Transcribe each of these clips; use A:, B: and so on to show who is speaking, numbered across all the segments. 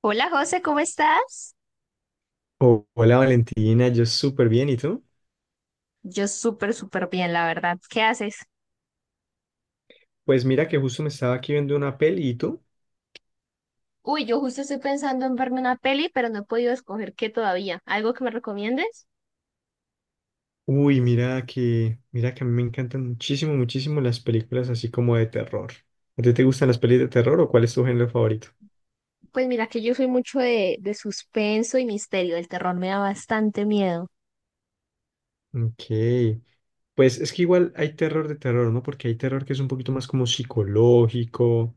A: Hola José, ¿cómo estás?
B: Oh, hola Valentina, yo súper bien, ¿y tú?
A: Yo súper, súper bien, la verdad. ¿Qué haces?
B: Pues mira que justo me estaba aquí viendo una peli, ¿y tú?
A: Uy, yo justo estoy pensando en verme una peli, pero no he podido escoger qué todavía. ¿Algo que me recomiendes?
B: Uy, mira que a mí me encantan muchísimo, muchísimo las películas así como de terror. ¿A ti te gustan las pelis de terror o cuál es tu género favorito?
A: Pues mira que yo soy mucho de suspenso y misterio. El terror me da bastante miedo.
B: Ok, pues es que igual hay terror de terror, ¿no? Porque hay terror que es un poquito más como psicológico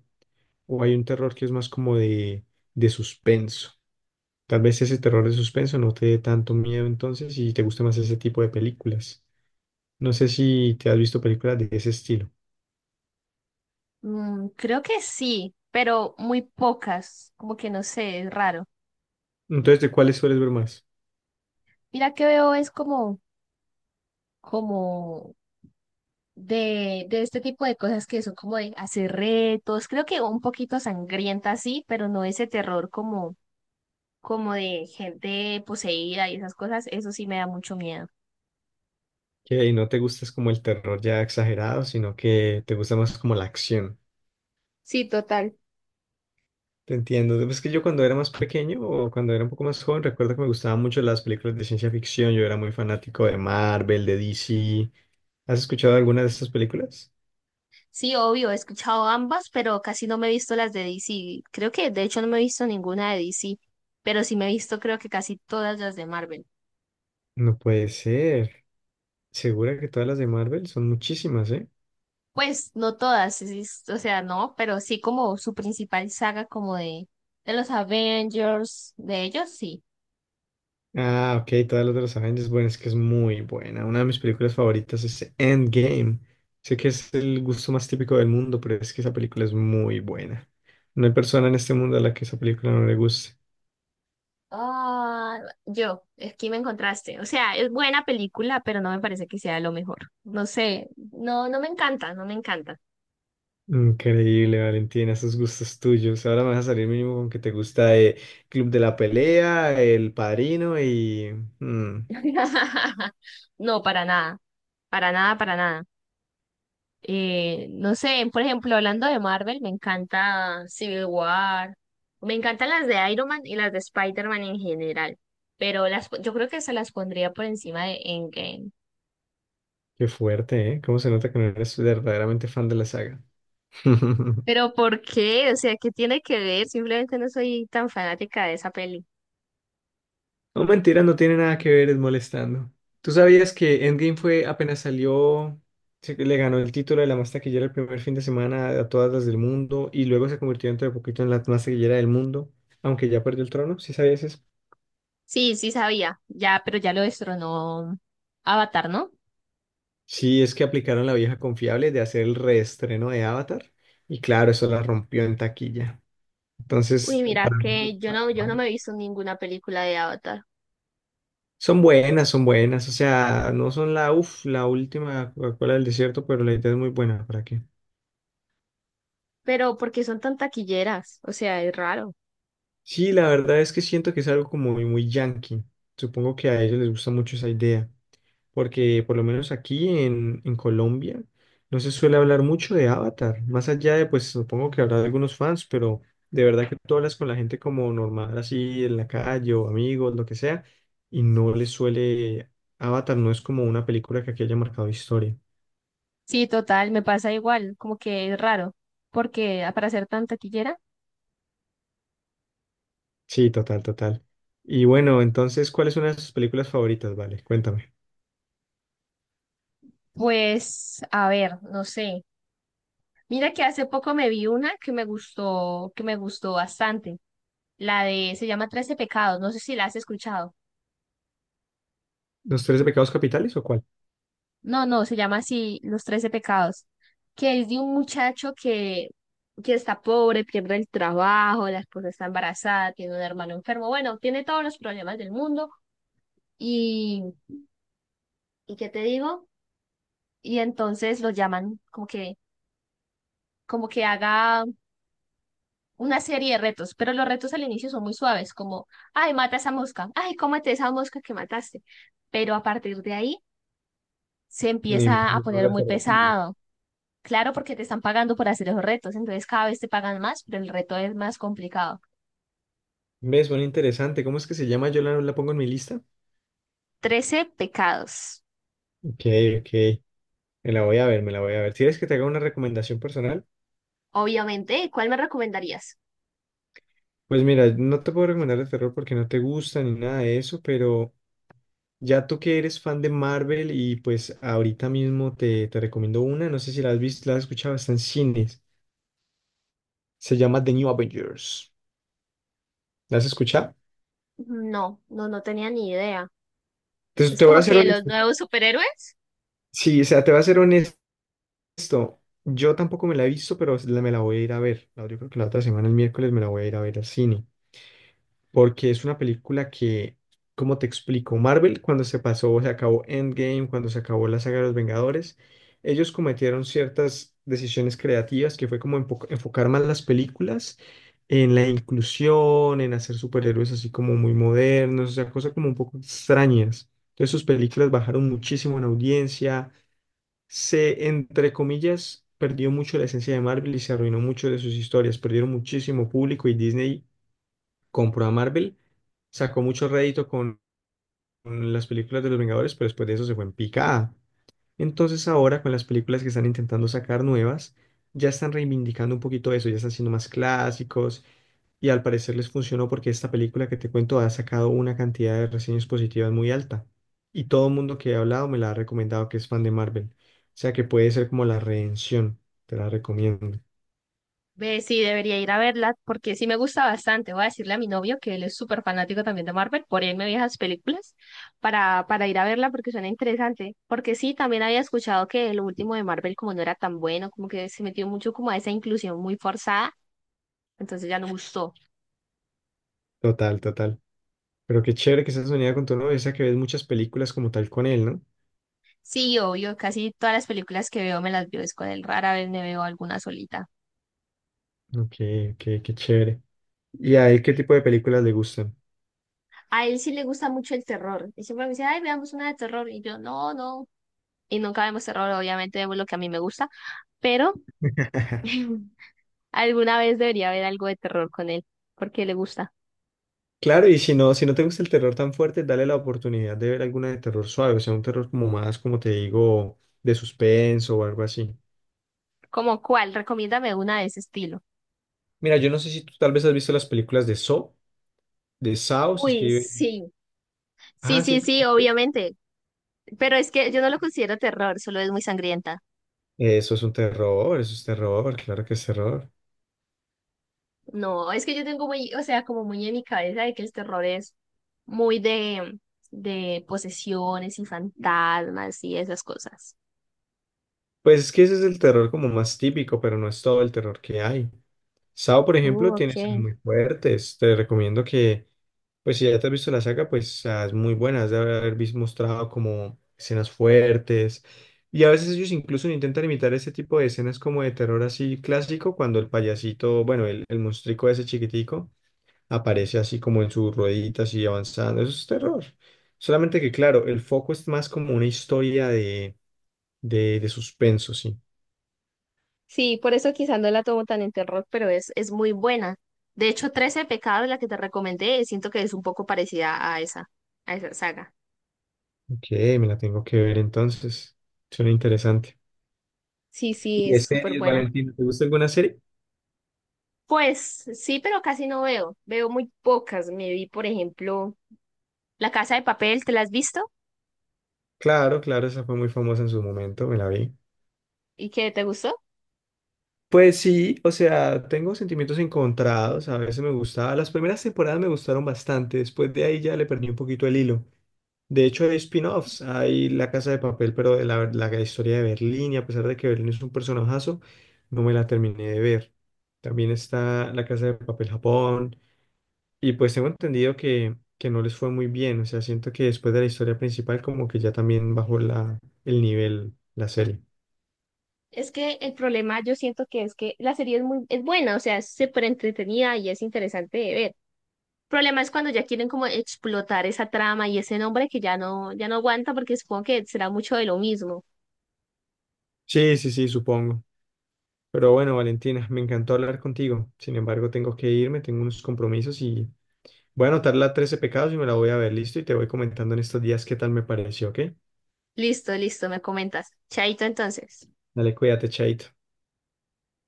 B: o hay un terror que es más como de suspenso. Tal vez ese terror de suspenso no te dé tanto miedo entonces y te guste más ese tipo de películas. No sé si te has visto películas de ese estilo.
A: Mm, creo que sí, pero muy pocas. Como que no sé, es raro.
B: Entonces, ¿de cuáles sueles ver más?
A: Mira que veo es como de este tipo de cosas que son como de hacer retos. Creo que un poquito sangrienta sí, pero no ese terror como de gente poseída y esas cosas, eso sí me da mucho miedo.
B: Que ahí no te gusta es como el terror ya exagerado, sino que te gusta más como la acción.
A: Sí, total.
B: Te entiendo. Es que yo cuando era más pequeño o cuando era un poco más joven, recuerdo que me gustaban mucho las películas de ciencia ficción. Yo era muy fanático de Marvel, de DC. ¿Has escuchado alguna de estas películas?
A: Sí, obvio, he escuchado ambas, pero casi no me he visto las de DC. Creo que de hecho no me he visto ninguna de DC, pero sí me he visto creo que casi todas las de Marvel.
B: No puede ser. Segura que todas las de Marvel son muchísimas, ¿eh?
A: Pues no todas, o sea, no, pero sí como su principal saga como de los Avengers, de ellos sí.
B: Ah, ok, todas las de los Avengers. Bueno, es que es muy buena. Una de mis películas favoritas es Endgame. Sé que es el gusto más típico del mundo, pero es que esa película es muy buena. No hay persona en este mundo a la que esa película no le guste.
A: Ah, yo, aquí me encontraste. O sea, es buena película, pero no me parece que sea lo mejor. No sé, no, no me encanta, no me encanta.
B: Increíble, Valentina, esos gustos tuyos. Ahora me vas a salir mínimo con que te gusta Club de la Pelea, El Padrino y... mm,
A: No, para nada, para nada, para nada. No sé, por ejemplo, hablando de Marvel, me encanta Civil War, me encantan las de Iron Man y las de Spider-Man en general, pero las, yo creo que se las pondría por encima de Endgame.
B: qué fuerte, ¿eh? ¿Cómo se nota que no eres verdaderamente fan de la saga?
A: Pero ¿por qué? O sea, ¿qué tiene que ver? Simplemente no soy tan fanática de esa peli.
B: No, mentira, no tiene nada que ver, es molestando. ¿Tú sabías que Endgame fue apenas salió, le ganó el título de la más taquillera el primer fin de semana a todas las del mundo y luego se convirtió dentro de poquito en la más taquillera del mundo, aunque ya perdió el trono? ¿Sí sabías eso?
A: Sí, sí sabía, ya, pero ya lo destronó Avatar, ¿no?
B: Sí, es que aplicaron la vieja confiable de hacer el reestreno de Avatar y claro, eso la rompió en taquilla.
A: Uy,
B: Entonces,
A: mira
B: para mí,
A: que yo no, yo no me he visto ninguna película de Avatar.
B: son buenas, o sea, no son la, uf, la última Coca-Cola del desierto, pero la idea es muy buena, ¿para qué?
A: Pero porque son tan taquilleras, o sea, es raro.
B: Sí, la verdad es que siento que es algo como muy, muy yankee. Supongo que a ellos les gusta mucho esa idea, porque por lo menos aquí en Colombia no se suele hablar mucho de Avatar, más allá de, pues supongo que habrá algunos fans, pero de verdad que tú hablas con la gente como normal, así en la calle o amigos, lo que sea, y no les suele, Avatar no es como una película que aquí haya marcado historia.
A: Sí, total, me pasa igual, como que es raro, porque para ser tan taquillera,
B: Sí, total, total. Y bueno, entonces, ¿cuáles son sus películas favoritas? Vale, cuéntame.
A: pues, a ver, no sé. Mira que hace poco me vi una que me gustó bastante, la de, se llama Trece Pecados, no sé si la has escuchado.
B: ¿Los tres pecados capitales o cuál?
A: No, no, se llama así, Los Trece Pecados, que es de un muchacho que está pobre, pierde el trabajo, la esposa está embarazada, tiene un hermano enfermo, bueno, tiene todos los problemas del mundo y ¿y qué te digo? Y entonces lo llaman como que haga una serie de retos, pero los retos al inicio son muy suaves, como, ay, mata esa mosca, ay, cómete esa mosca que mataste. Pero a partir de ahí se
B: Me
A: empieza a
B: imagino, no
A: poner muy
B: reservatorios.
A: pesado. Claro, porque te están pagando por hacer esos retos, entonces cada vez te pagan más, pero el reto es más complicado.
B: ¿Ves? Bueno, interesante. ¿Cómo es que se llama? Yo la pongo en mi lista.
A: Trece pecados.
B: Ok, ok. Me la voy a ver, me la voy a ver. Si ¿quieres que te haga una recomendación personal?
A: Obviamente, ¿cuál me recomendarías?
B: Pues mira, no te puedo recomendar de terror porque no te gusta ni nada de eso, pero ya tú que eres fan de Marvel y pues ahorita mismo te recomiendo una, no sé si la has visto, la has escuchado, está en cines. Se llama The New Avengers. ¿La has escuchado?
A: No, no, no tenía ni idea.
B: Entonces
A: Es
B: te voy a
A: como
B: ser
A: que los
B: honesto.
A: nuevos superhéroes.
B: Sí, o sea, te voy a ser honesto. Listo. Yo tampoco me la he visto, pero me la voy a ir a ver. Yo creo que la otra semana, el miércoles, me la voy a ir a ver al cine. Porque es una película que, como te explico, Marvel, cuando se pasó, se acabó Endgame, cuando se acabó la saga de los Vengadores, ellos cometieron ciertas decisiones creativas que fue como enfocar más las películas en la inclusión, en hacer superhéroes así como muy modernos, o sea, cosas como un poco extrañas. Entonces sus películas bajaron muchísimo en audiencia se, entre comillas, perdió mucho la esencia de Marvel y se arruinó mucho de sus historias. Perdieron muchísimo público y Disney compró a Marvel, sacó mucho rédito con las películas de los Vengadores, pero después de eso se fue en picada. Entonces ahora con las películas que están intentando sacar nuevas, ya están reivindicando un poquito eso, ya están siendo más clásicos y al parecer les funcionó porque esta película que te cuento ha sacado una cantidad de reseñas positivas muy alta y todo el mundo que he hablado me la ha recomendado que es fan de Marvel. O sea que puede ser como la redención, te la recomiendo.
A: Ve, sí, debería ir a verla porque sí me gusta bastante. Voy a decirle a mi novio que él es súper fanático también de Marvel, por él me vi esas películas para ir a verla porque suena interesante. Porque sí, también había escuchado que el último de Marvel como no era tan bueno, como que se metió mucho como a esa inclusión muy forzada, entonces ya no gustó.
B: Total, total. Pero qué chévere que estás unida con tu novio, o sea que ves muchas películas como tal con él, ¿no?
A: Sí, obvio, casi todas las películas que veo me las veo es con él, rara vez me veo alguna solita.
B: Ok, ok, qué chévere. ¿Y a él qué tipo de películas le gustan?
A: A él sí le gusta mucho el terror y siempre me dice, ay, veamos una de terror y yo, no, no. Y nunca vemos terror, obviamente vemos lo que a mí me gusta. Pero alguna vez debería haber algo de terror con él, porque le gusta.
B: Claro, y si no, si no te gusta el terror tan fuerte, dale la oportunidad de ver alguna de terror suave, o sea, un terror como más, como te digo, de suspenso o algo así.
A: ¿Cómo cuál? Recomiéndame una de ese estilo.
B: Mira, yo no sé si tú tal vez has visto las películas de Saw, se
A: Uy,
B: escribe.
A: sí. Sí,
B: Ah, sí.
A: sí, sí, obviamente. Pero es que yo no lo considero terror, solo es muy sangrienta.
B: Eso es un terror, eso es terror, claro que es terror.
A: No, es que yo tengo muy, o sea, como muy en mi cabeza de que el terror es muy de posesiones y fantasmas y esas cosas.
B: Pues es que ese es el terror como más típico, pero no es todo el terror que hay. Sao, por ejemplo, tiene escenas
A: Ok.
B: muy fuertes. Te recomiendo que, pues si ya te has visto la saga, pues ah, es muy buena. Has de haber visto mostrado como escenas fuertes. Y a veces ellos incluso intentan imitar ese tipo de escenas como de terror así clásico, cuando el payasito, bueno, el monstruico ese chiquitico aparece así como en sus rueditas y avanzando. Eso es terror. Solamente que, claro, el foco es más como una historia de, de suspenso, sí.
A: Sí, por eso quizás no la tomo tan en terror, pero es muy buena. De hecho, trece pecados, la que te recomendé, siento que es un poco parecida a esa saga.
B: Ok, me la tengo que ver entonces. Suena interesante.
A: Sí, sí,
B: ¿Y de
A: es súper
B: series,
A: buena.
B: Valentina? ¿Te gusta alguna serie?
A: Pues sí, pero casi no veo. Veo muy pocas. Me vi, por ejemplo, La Casa de Papel, ¿te la has visto?
B: Claro, claro, esa fue muy famosa en su momento, me la vi.
A: ¿Y qué te gustó?
B: Pues sí, o sea, tengo sentimientos encontrados, a veces me gustaba, las primeras temporadas me gustaron bastante, después de ahí ya le perdí un poquito el hilo. De hecho, hay spin-offs, hay La Casa de Papel, pero de la historia de Berlín, y a pesar de que Berlín es un personajazo, no me la terminé de ver. También está La Casa de Papel Japón, y pues tengo entendido que no les fue muy bien, o sea, siento que después de la historia principal como que ya también bajó la, el nivel, la serie.
A: Es que el problema yo siento que es que la serie es muy, es buena, o sea, es súper entretenida y es interesante de ver, problema es cuando ya quieren como explotar esa trama y ese nombre que ya no, ya no aguanta porque supongo que será mucho de lo mismo.
B: Sí, sí, sí, supongo. Pero bueno, Valentina, me encantó hablar contigo. Sin embargo, tengo que irme, tengo unos compromisos y voy a anotar la 13 pecados y me la voy a ver, listo, y te voy comentando en estos días qué tal me pareció, ¿ok?
A: Listo, listo, me comentas. Chaito entonces.
B: Dale, cuídate, Chaito.